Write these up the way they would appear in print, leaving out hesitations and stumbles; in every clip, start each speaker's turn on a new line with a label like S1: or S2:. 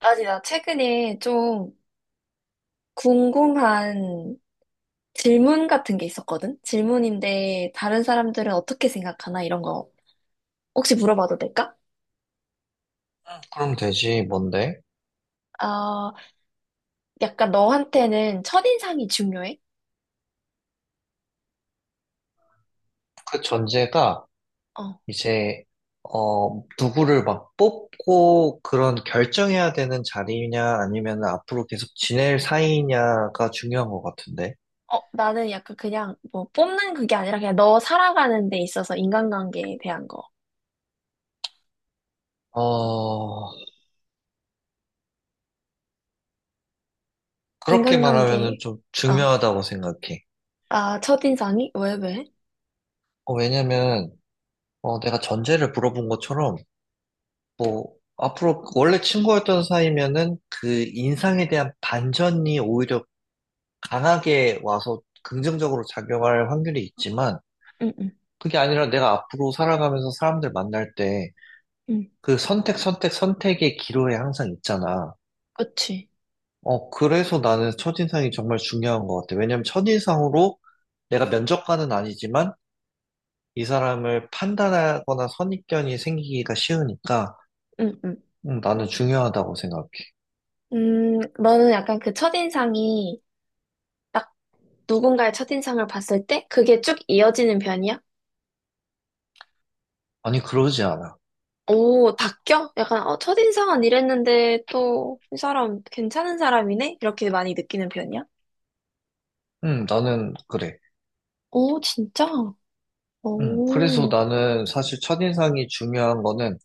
S1: 아니, 나 최근에 좀 궁금한 질문 같은 게 있었거든? 질문인데, 다른 사람들은 어떻게 생각하나? 이런 거 혹시 물어봐도 될까?
S2: 그럼 되지, 뭔데?
S1: 아, 약간 너한테는 첫인상이 중요해?
S2: 그 전제가
S1: 어,
S2: 이제, 누구를 막 뽑고 그런 결정해야 되는 자리냐, 아니면 앞으로 계속 지낼 사이냐가 중요한 것 같은데.
S1: 어, 나는 약간 그냥 뭐 뽑는 그게 아니라 그냥 너 살아가는 데 있어서 인간관계에 대한 거.
S2: 어, 그렇게
S1: 인간관계,
S2: 말하면은 좀
S1: 어,
S2: 중요하다고 생각해.
S1: 아, 첫인상이? 왜, 왜?
S2: 왜냐면 내가 전제를 물어본 것처럼, 뭐, 앞으로 원래 친구였던 사이면은 그 인상에 대한 반전이 오히려 강하게 와서 긍정적으로 작용할 확률이 있지만,
S1: 응, 응,
S2: 그게 아니라 내가 앞으로 살아가면서 사람들 만날 때
S1: 응,
S2: 그 선택의 기로에 항상 있잖아.
S1: 그치.
S2: 그래서 나는 첫인상이 정말 중요한 것 같아. 왜냐면 첫인상으로 내가 면접관은 아니지만 이 사람을 판단하거나 선입견이 생기기가 쉬우니까
S1: 응, 응.
S2: 나는 중요하다고 생각해.
S1: 너는 약간 그 첫인상이 딱 누군가의 첫인상을 봤을 때 그게 쭉 이어지는 편이야?
S2: 아니, 그러지 않아.
S1: 오, 바뀌어? 약간 첫인상은 이랬는데 또 이 사람 괜찮은 사람이네? 이렇게 많이 느끼는 편이야?
S2: 나는 그래.
S1: 오, 진짜?
S2: 그래서
S1: 오,
S2: 나는 사실 첫인상이 중요한 거는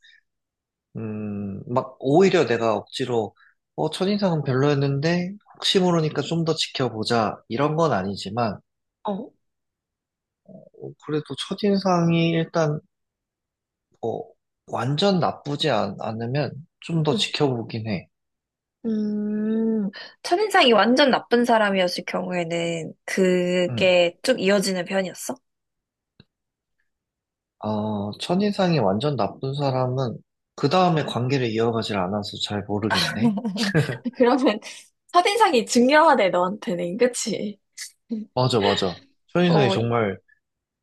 S2: 오히려 내가 억지로, 첫인상은 별로였는데, 혹시 모르니까 좀 더 지켜보자, 이런 건 아니지만,
S1: 어,
S2: 그래도 첫인상이 일단, 뭐 완전 않으면 좀 더
S1: 음,
S2: 지켜보긴 해.
S1: 음, 첫인상이 완전 나쁜 사람이었을 경우에는
S2: 음.
S1: 그게 쭉 이어지는 편이었어?
S2: 첫인상이 완전 나쁜 사람은, 그 다음에 관계를 이어가질 않아서 잘 모르겠네.
S1: 그러면 첫인상이 중요하대, 너한테는. 그치?
S2: 맞아, 맞아. 첫인상이
S1: 어,
S2: 정말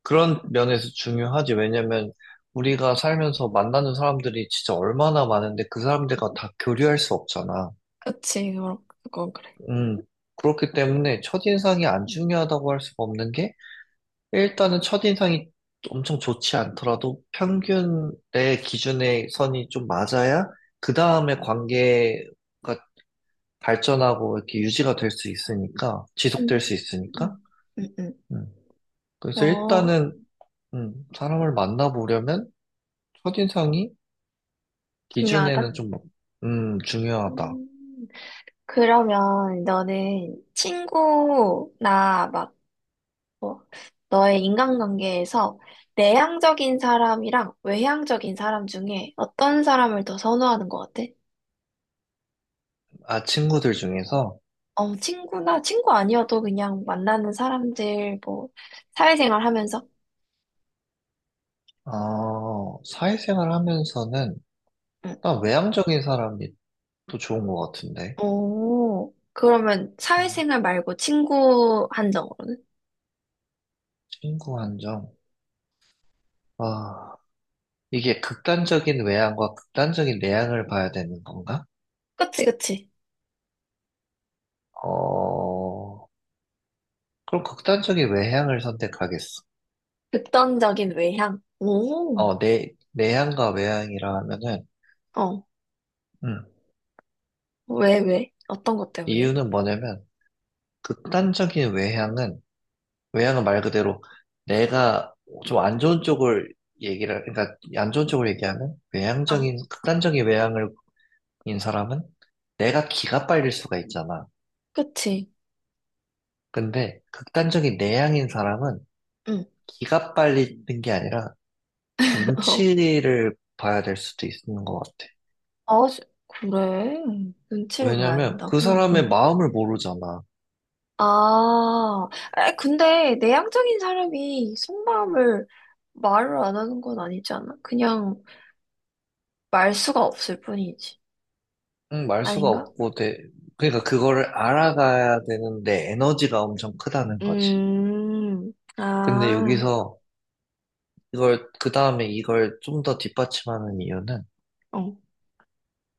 S2: 그런 면에서 중요하지. 왜냐면 우리가 살면서 만나는 사람들이 진짜 얼마나 많은데 그 사람들과 다 교류할 수 없잖아.
S1: 그치, 그건 그래.
S2: 음. 그렇기 때문에 첫인상이 안 중요하다고 할 수가 없는 게 일단은 첫인상이 엄청 좋지 않더라도 평균 내 기준의 선이 좀 맞아야 그 다음에 관계가 발전하고 이렇게 유지가 될 수 있으니까 지속될
S1: 음,
S2: 수
S1: 음,
S2: 있으니까.
S1: 음.
S2: 음. 그래서
S1: 어,
S2: 일단은 사람을 만나보려면 첫인상이
S1: 중요하다.
S2: 기준에는 좀, 중요하다.
S1: 음, 그러면 너는 친구나 막 뭐, 너의 인간관계에서 내향적인 사람이랑 외향적인 사람 중에 어떤 사람을 더 선호하는 것 같아?
S2: 아, 친구들 중에서,
S1: 어, 친구나 친구 아니어도 그냥 만나는 사람들 뭐 사회생활 하면서?
S2: 사회생활 하면서는,
S1: 응.
S2: 난 외향적인 사람이 또 좋은 것 같은데.
S1: 오, 그러면
S2: 음,
S1: 사회생활 말고 친구 한정으로는?
S2: 친구 한정. 아, 이게 극단적인 외향과 극단적인 내향을 봐야 되는 건가?
S1: 그치, 그치.
S2: 어, 그럼 극단적인 외향을 선택하겠어.
S1: 극단적인 외향. 오.
S2: 어, 내향과 외향이라 하면은,
S1: 어.
S2: 음,
S1: 왜, 왜? 어떤 것 때문에?
S2: 이유는 뭐냐면, 극단적인 외향은 외향은 말 그대로 내가 좀 안 좋은 쪽을 그러니까 안 좋은 쪽을 얘기하면
S1: 어,
S2: 극단적인 외향을 인 사람은 내가 기가 빨릴 수가 있잖아.
S1: 그치.
S2: 근데 극단적인 내향인 사람은
S1: 응.
S2: 기가 빨리는 게 아니라 눈치를 봐야 될 수도 있는 것 같아.
S1: 어, 아, 그래. 눈치를 봐야
S2: 왜냐면 그
S1: 된다고?
S2: 사람의
S1: 응.
S2: 마음을 모르잖아.
S1: 아, 근데 내향적인 사람이 속마음을 말을 안 하는 건 아니지 않아? 그냥 말수가 없을 뿐이지.
S2: 응, 말 수가
S1: 아닌가?
S2: 없고, 내, 그러니까 그거를 알아가야 되는데 에너지가 엄청 크다는 거지. 근데
S1: 아,
S2: 여기서 그 다음에 이걸 좀 더 뒷받침하는 이유는,
S1: 어,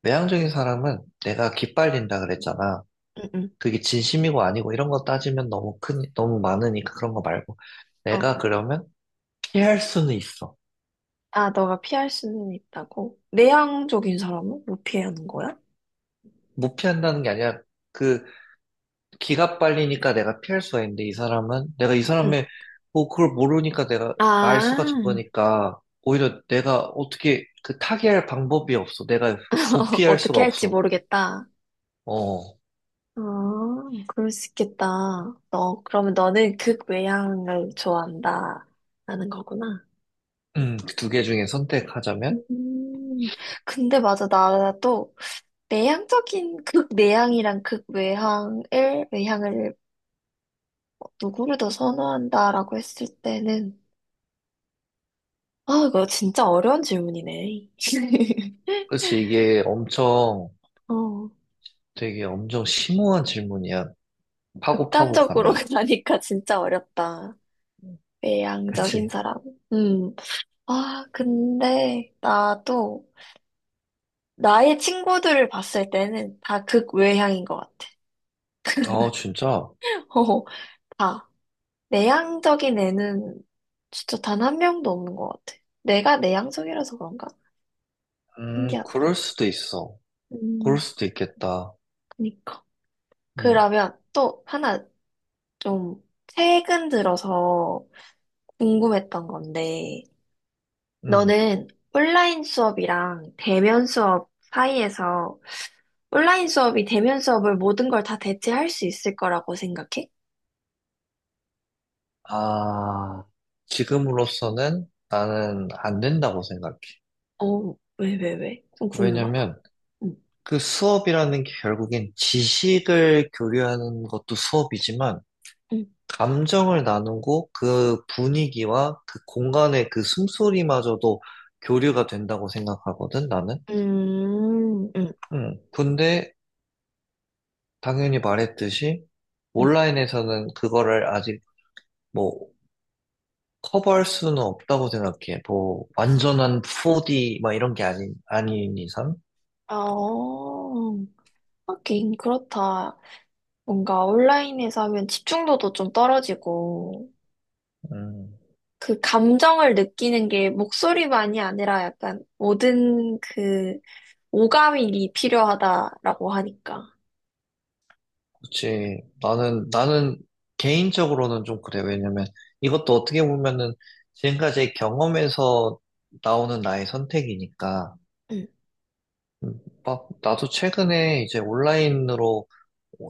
S2: 외향적인 사람은 내가 기빨린다 그랬잖아.
S1: 응, 응,
S2: 그게 진심이고 아니고 이런 거 따지면 너무 많으니까 그런 거 말고.
S1: 어.
S2: 내가 그러면 피할 수는 있어.
S1: 아, 너가 피할 수는 있다고? 내향적인 사람은 못 피하는 거야?
S2: 못 피한다는 게 아니라, 그, 기가 빨리니까 내가 피할 수가 있는데, 이 사람은, 내가 이
S1: 응.
S2: 사람의, 뭐, 그걸 모르니까 내가,
S1: 아,
S2: 말수가 적으니까, 오히려 내가 타개할 방법이 없어. 내가 도피할 수가
S1: 어떻게 할지
S2: 없어.
S1: 모르겠다.
S2: 어,
S1: 아, 그럴 수 있겠다. 그러면 너는 극외향을 좋아한다라는 거구나.
S2: 두 개 중에 선택하자면?
S1: 음, 근데 맞아. 나도 내향적인 극내향이랑 외향을 누구를 더 선호한다라고 했을 때는, 아, 이거 진짜 어려운 질문이네.
S2: 그치,
S1: 어,
S2: 되게 엄청 심오한 질문이야. 파고 파고
S1: 극단적으로
S2: 가면.
S1: 가니까 진짜 어렵다. 외향적인
S2: 그치?
S1: 사람. 음, 근데 나도 나의 친구들을 봤을 때는 다 극외향인 것 같아.
S2: 어, 진짜?
S1: 어, 다. 내향적인 애는 진짜 단 한 명도 없는 것 같아. 내가 내향적이라서 그런가? 신기하다.
S2: 그럴 수도 있어. 그럴
S1: 음,
S2: 수도 있겠다.
S1: 그니까.
S2: 음,
S1: 그러면 또 하나 좀 최근 들어서 궁금했던 건데,
S2: 음.
S1: 너는 온라인 수업이랑 대면 수업 사이에서 온라인 수업이 대면 수업을 모든 걸 다 대체할 수 있을 거라고 생각해?
S2: 아, 지금으로서는 나는 안 된다고 생각해.
S1: 어, 왜, 왜, 왜? 좀 궁금하다.
S2: 왜냐면
S1: 응,
S2: 그 수업이라는 게 결국엔 지식을 교류하는 것도 수업이지만
S1: 응,
S2: 감정을 나누고 그 분위기와 그 공간의 그 숨소리마저도 교류가 된다고 생각하거든, 나는.
S1: 음, 음.
S2: 근데 당연히 말했듯이
S1: 응.
S2: 온라인에서는 그거를 아직 뭐 커버할 수는 없다고 생각해. 뭐 완전한 4D 막 이런 게 아닌 이상.
S1: 어, 하긴 그렇다. 뭔가 온라인에서 하면 집중도도 좀 떨어지고,
S2: 음,
S1: 그 감정을 느끼는 게 목소리만이 아니라 약간 모든 그 오감이 필요하다라고 하니까.
S2: 그지 나는 개인적으로는 좀 그래. 왜냐면 이것도 어떻게 보면은 지금까지의 경험에서 나오는 나의 선택이니까.
S1: 응,
S2: 음, 막 나도 최근에 이제 온라인으로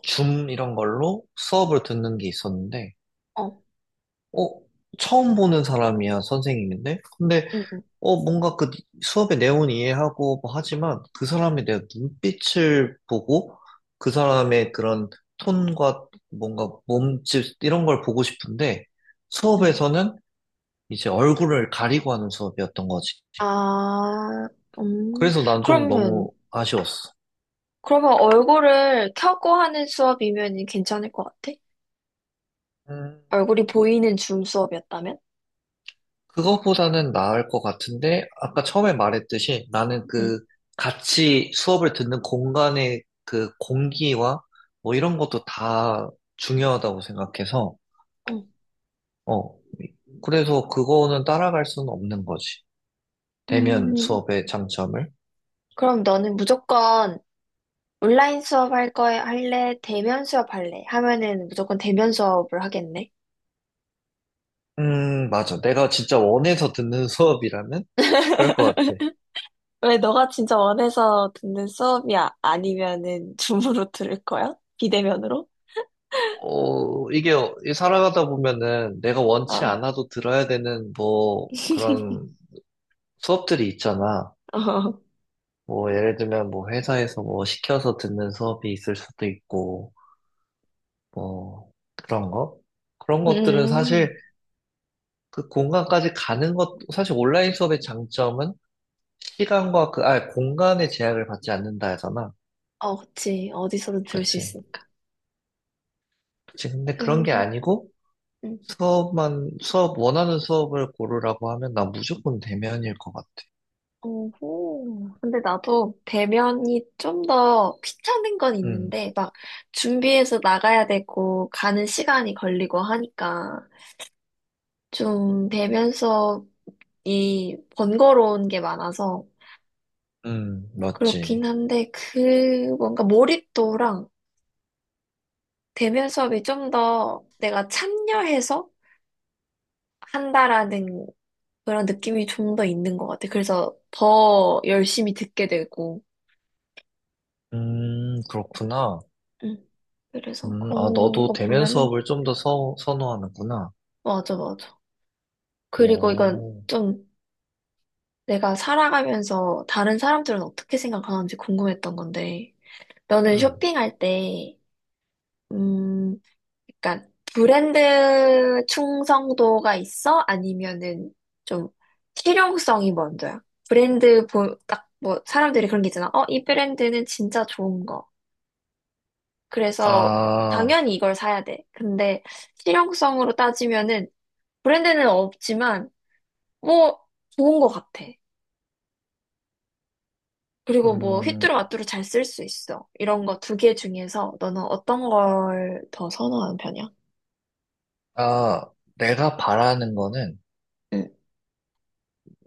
S2: 줌 이런 걸로 수업을 듣는 게 있었는데.
S1: 어,
S2: 어, 처음 보는 사람이야, 선생님인데? 근데,
S1: 응, 응,
S2: 뭔가 그 수업의 내용은 이해하고 뭐 하지만 그 사람에 대한 눈빛을 보고 그 사람의 그런 톤과 뭔가 몸짓 이런 걸 보고 싶은데
S1: 응.
S2: 수업에서는 이제 얼굴을 가리고 하는 수업이었던 거지.
S1: 아, 음,
S2: 그래서 난 좀
S1: 그러면,
S2: 너무 아쉬웠어.
S1: 그러면 얼굴을 켜고 하는 수업이면 괜찮을 것 같아?
S2: 음.
S1: 얼굴이 보이는 줌 수업이었다면?
S2: 그거보다는 나을 것 같은데, 아까 처음에 말했듯이 나는
S1: 응.
S2: 그 같이 수업을 듣는 공간의 그 공기와 뭐 이런 것도 다 중요하다고 생각해서,
S1: 응.
S2: 어, 그래서 그거는 따라갈 수는 없는 거지. 대면
S1: 음,
S2: 수업의 장점을.
S1: 그럼 너는 무조건 온라인 수업 할 거에 할래? 대면 수업 할래? 하면은 무조건 대면 수업을 하겠네.
S2: 맞아. 내가 진짜 원해서 듣는 수업이라면 그럴 것 같아.
S1: 왜 너가 진짜 원해서 듣는 수업이야? 아니면은 줌으로 들을 거야? 비대면으로?
S2: 어, 이게 살아가다 보면은 내가 원치
S1: 어.
S2: 않아도 들어야 되는 뭐 그런 수업들이 있잖아.
S1: 어.
S2: 뭐, 예를 들면, 뭐, 회사에서 뭐, 시켜서 듣는 수업이 있을 수도 있고, 뭐, 그런 거? 그런 것들은
S1: 음.
S2: 사실 그 공간까지 가는 것, 사실 온라인 수업의 장점은 시간과 공간의 제약을 받지 않는다 하잖아.
S1: 어, 그치. 어디서든 들을 수
S2: 그치.
S1: 있으니까.
S2: 그치. 근데 그런 게
S1: 그렇.
S2: 아니고,
S1: 음.
S2: 수업, 원하는 수업을 고르라고 하면 난 무조건 대면일 것 같아.
S1: 오호. 근데 나도 배면이 좀 더 귀찮은 건
S2: 음,
S1: 있는데, 막 준비해서 나가야 되고, 가는 시간이 걸리고 하니까, 좀 배면 수업이 번거로운 게 많아서, 그렇긴
S2: 맞지.
S1: 한데, 그, 뭔가 몰입도랑 배면 수업이 좀 더 내가 참여해서 한다라는 그런 느낌이 좀 더 있는 것 같아. 그래서 더 열심히 듣게 되고,
S2: 그렇구나.
S1: 음. 그래서
S2: 아,
S1: 그런
S2: 너도
S1: 거
S2: 대면
S1: 보면은
S2: 수업을 좀 더 선호하는구나.
S1: 맞아, 맞아. 그리고 이건
S2: 오.
S1: 좀 내가 살아가면서 다른 사람들은 어떻게 생각하는지 궁금했던 건데, 너는
S2: 음,
S1: 쇼핑할 때, 음, 약간 브랜드 충성도가 있어? 아니면은 좀 실용성이 먼저야? 딱 뭐, 사람들이 그런 게 있잖아. 어, 이 브랜드는 진짜 좋은 거. 그래서
S2: 아,
S1: 당연히 이걸 사야 돼. 근데 실용성으로 따지면은 브랜드는 없지만, 뭐, 좋은 거 같아. 그리고 뭐
S2: 음,
S1: 휘뚜루 마뚜루 잘 쓸 수 있어. 이런 거 두 개 중에서 너는 어떤 걸 더 선호하는 편이야?
S2: 아, 내가 바라는 거는,
S1: 응.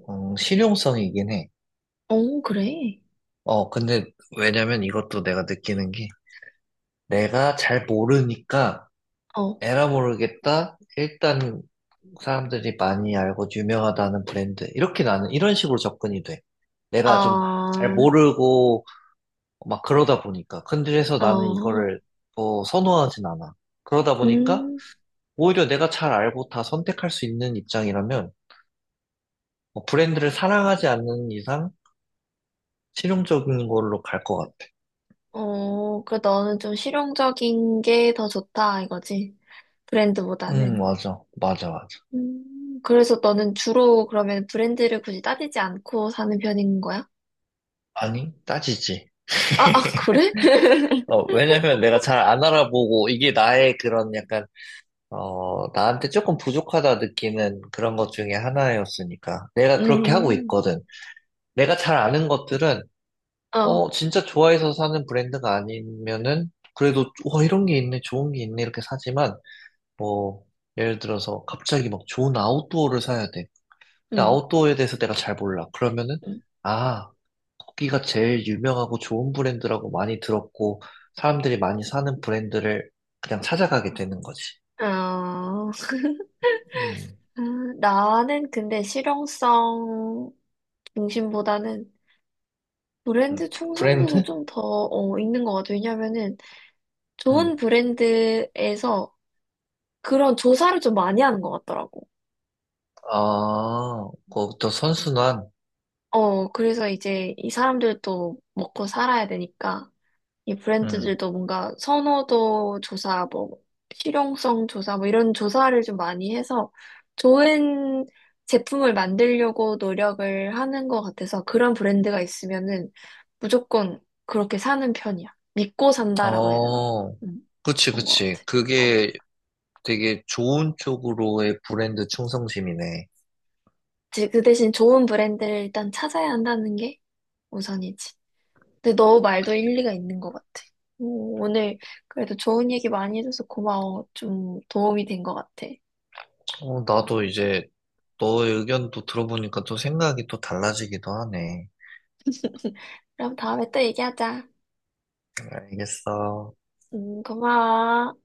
S2: 실용성이긴 해.
S1: 어, 그래.
S2: 어, 근데, 왜냐면 이것도 내가 느끼는 게, 내가 잘 모르니까,
S1: 어.
S2: 에라 모르겠다? 일단, 사람들이 많이 알고 유명하다는 브랜드. 이런 식으로 접근이 돼. 내가 좀 잘
S1: 아,
S2: 모르고, 막 그러다 보니까. 근데 그래서 나는
S1: 어,
S2: 이거를, 뭐, 선호하진 않아. 그러다 보니까,
S1: 음,
S2: 오히려 내가 잘 알고 다 선택할 수 있는 입장이라면 뭐 브랜드를 사랑하지 않는 이상 실용적인 걸로 갈 것 같아.
S1: 어, 그 너는 좀 실용적인 게 더 좋다 이거지. 브랜드보다는.
S2: 맞아. 맞아.
S1: 그래서 너는 주로 그러면 브랜드를 굳이 따지지 않고 사는 편인 거야?
S2: 아니, 따지지.
S1: 아, 아, 그래?
S2: 어, 왜냐면 내가 잘 안 알아보고 이게 나의 그런 약간, 어, 나한테 조금 부족하다 느끼는 그런 것 중에 하나였으니까. 내가 그렇게 하고
S1: 음,
S2: 있거든. 내가 잘 아는 것들은,
S1: 어,
S2: 어, 진짜 좋아해서 사는 브랜드가 아니면은, 그래도, 와, 좋은 게 있네, 이렇게 사지만, 뭐, 예를 들어서 갑자기 막 좋은 아웃도어를 사야 돼. 근데
S1: 음,
S2: 아웃도어에 대해서 내가 잘 몰라. 그러면은,
S1: 음.
S2: 아, 거기가 제일 유명하고 좋은 브랜드라고 많이 들었고, 사람들이 많이 사는 브랜드를 그냥 찾아가게 되는 거지.
S1: 어.
S2: 음.
S1: 아, 나는 근데 실용성 중심보다는
S2: 음,
S1: 브랜드 충성도도
S2: 브랜드?
S1: 좀 더, 있는 것 같아. 왜냐면은
S2: 음,
S1: 좋은 브랜드에서 그런 조사를 좀 많이 하는 것 같더라고.
S2: 아, 그것부터 선순환.
S1: 어, 그래서 이제 이 사람들도 먹고 살아야 되니까. 이
S2: 음,
S1: 브랜드들도 뭔가 선호도 조사, 뭐, 실용성 조사, 뭐 이런 조사를 좀 많이 해서 좋은 제품을 만들려고 노력을 하는 것 같아서 그런 브랜드가 있으면은 무조건 그렇게 사는 편이야. 믿고 산다라고 해야 되나?
S2: 어,
S1: 음,
S2: 그치,
S1: 그런 것
S2: 그치.
S1: 같아. 어.
S2: 그게 되게 좋은 쪽으로의 브랜드 충성심이네.
S1: 이제 그 대신 좋은 브랜드를 일단 찾아야 한다는 게 우선이지. 근데 너 말도 일리가 있는 것 같아. 오, 오늘 그래도 좋은 얘기 많이 해줘서 고마워. 좀 도움이 된 것 같아.
S2: 어, 나도 이제 너의 의견도 들어보니까 또 생각이 또 달라지기도 하네.
S1: 그럼 다음에 또 얘기하자.
S2: 알겠어.
S1: 고마워.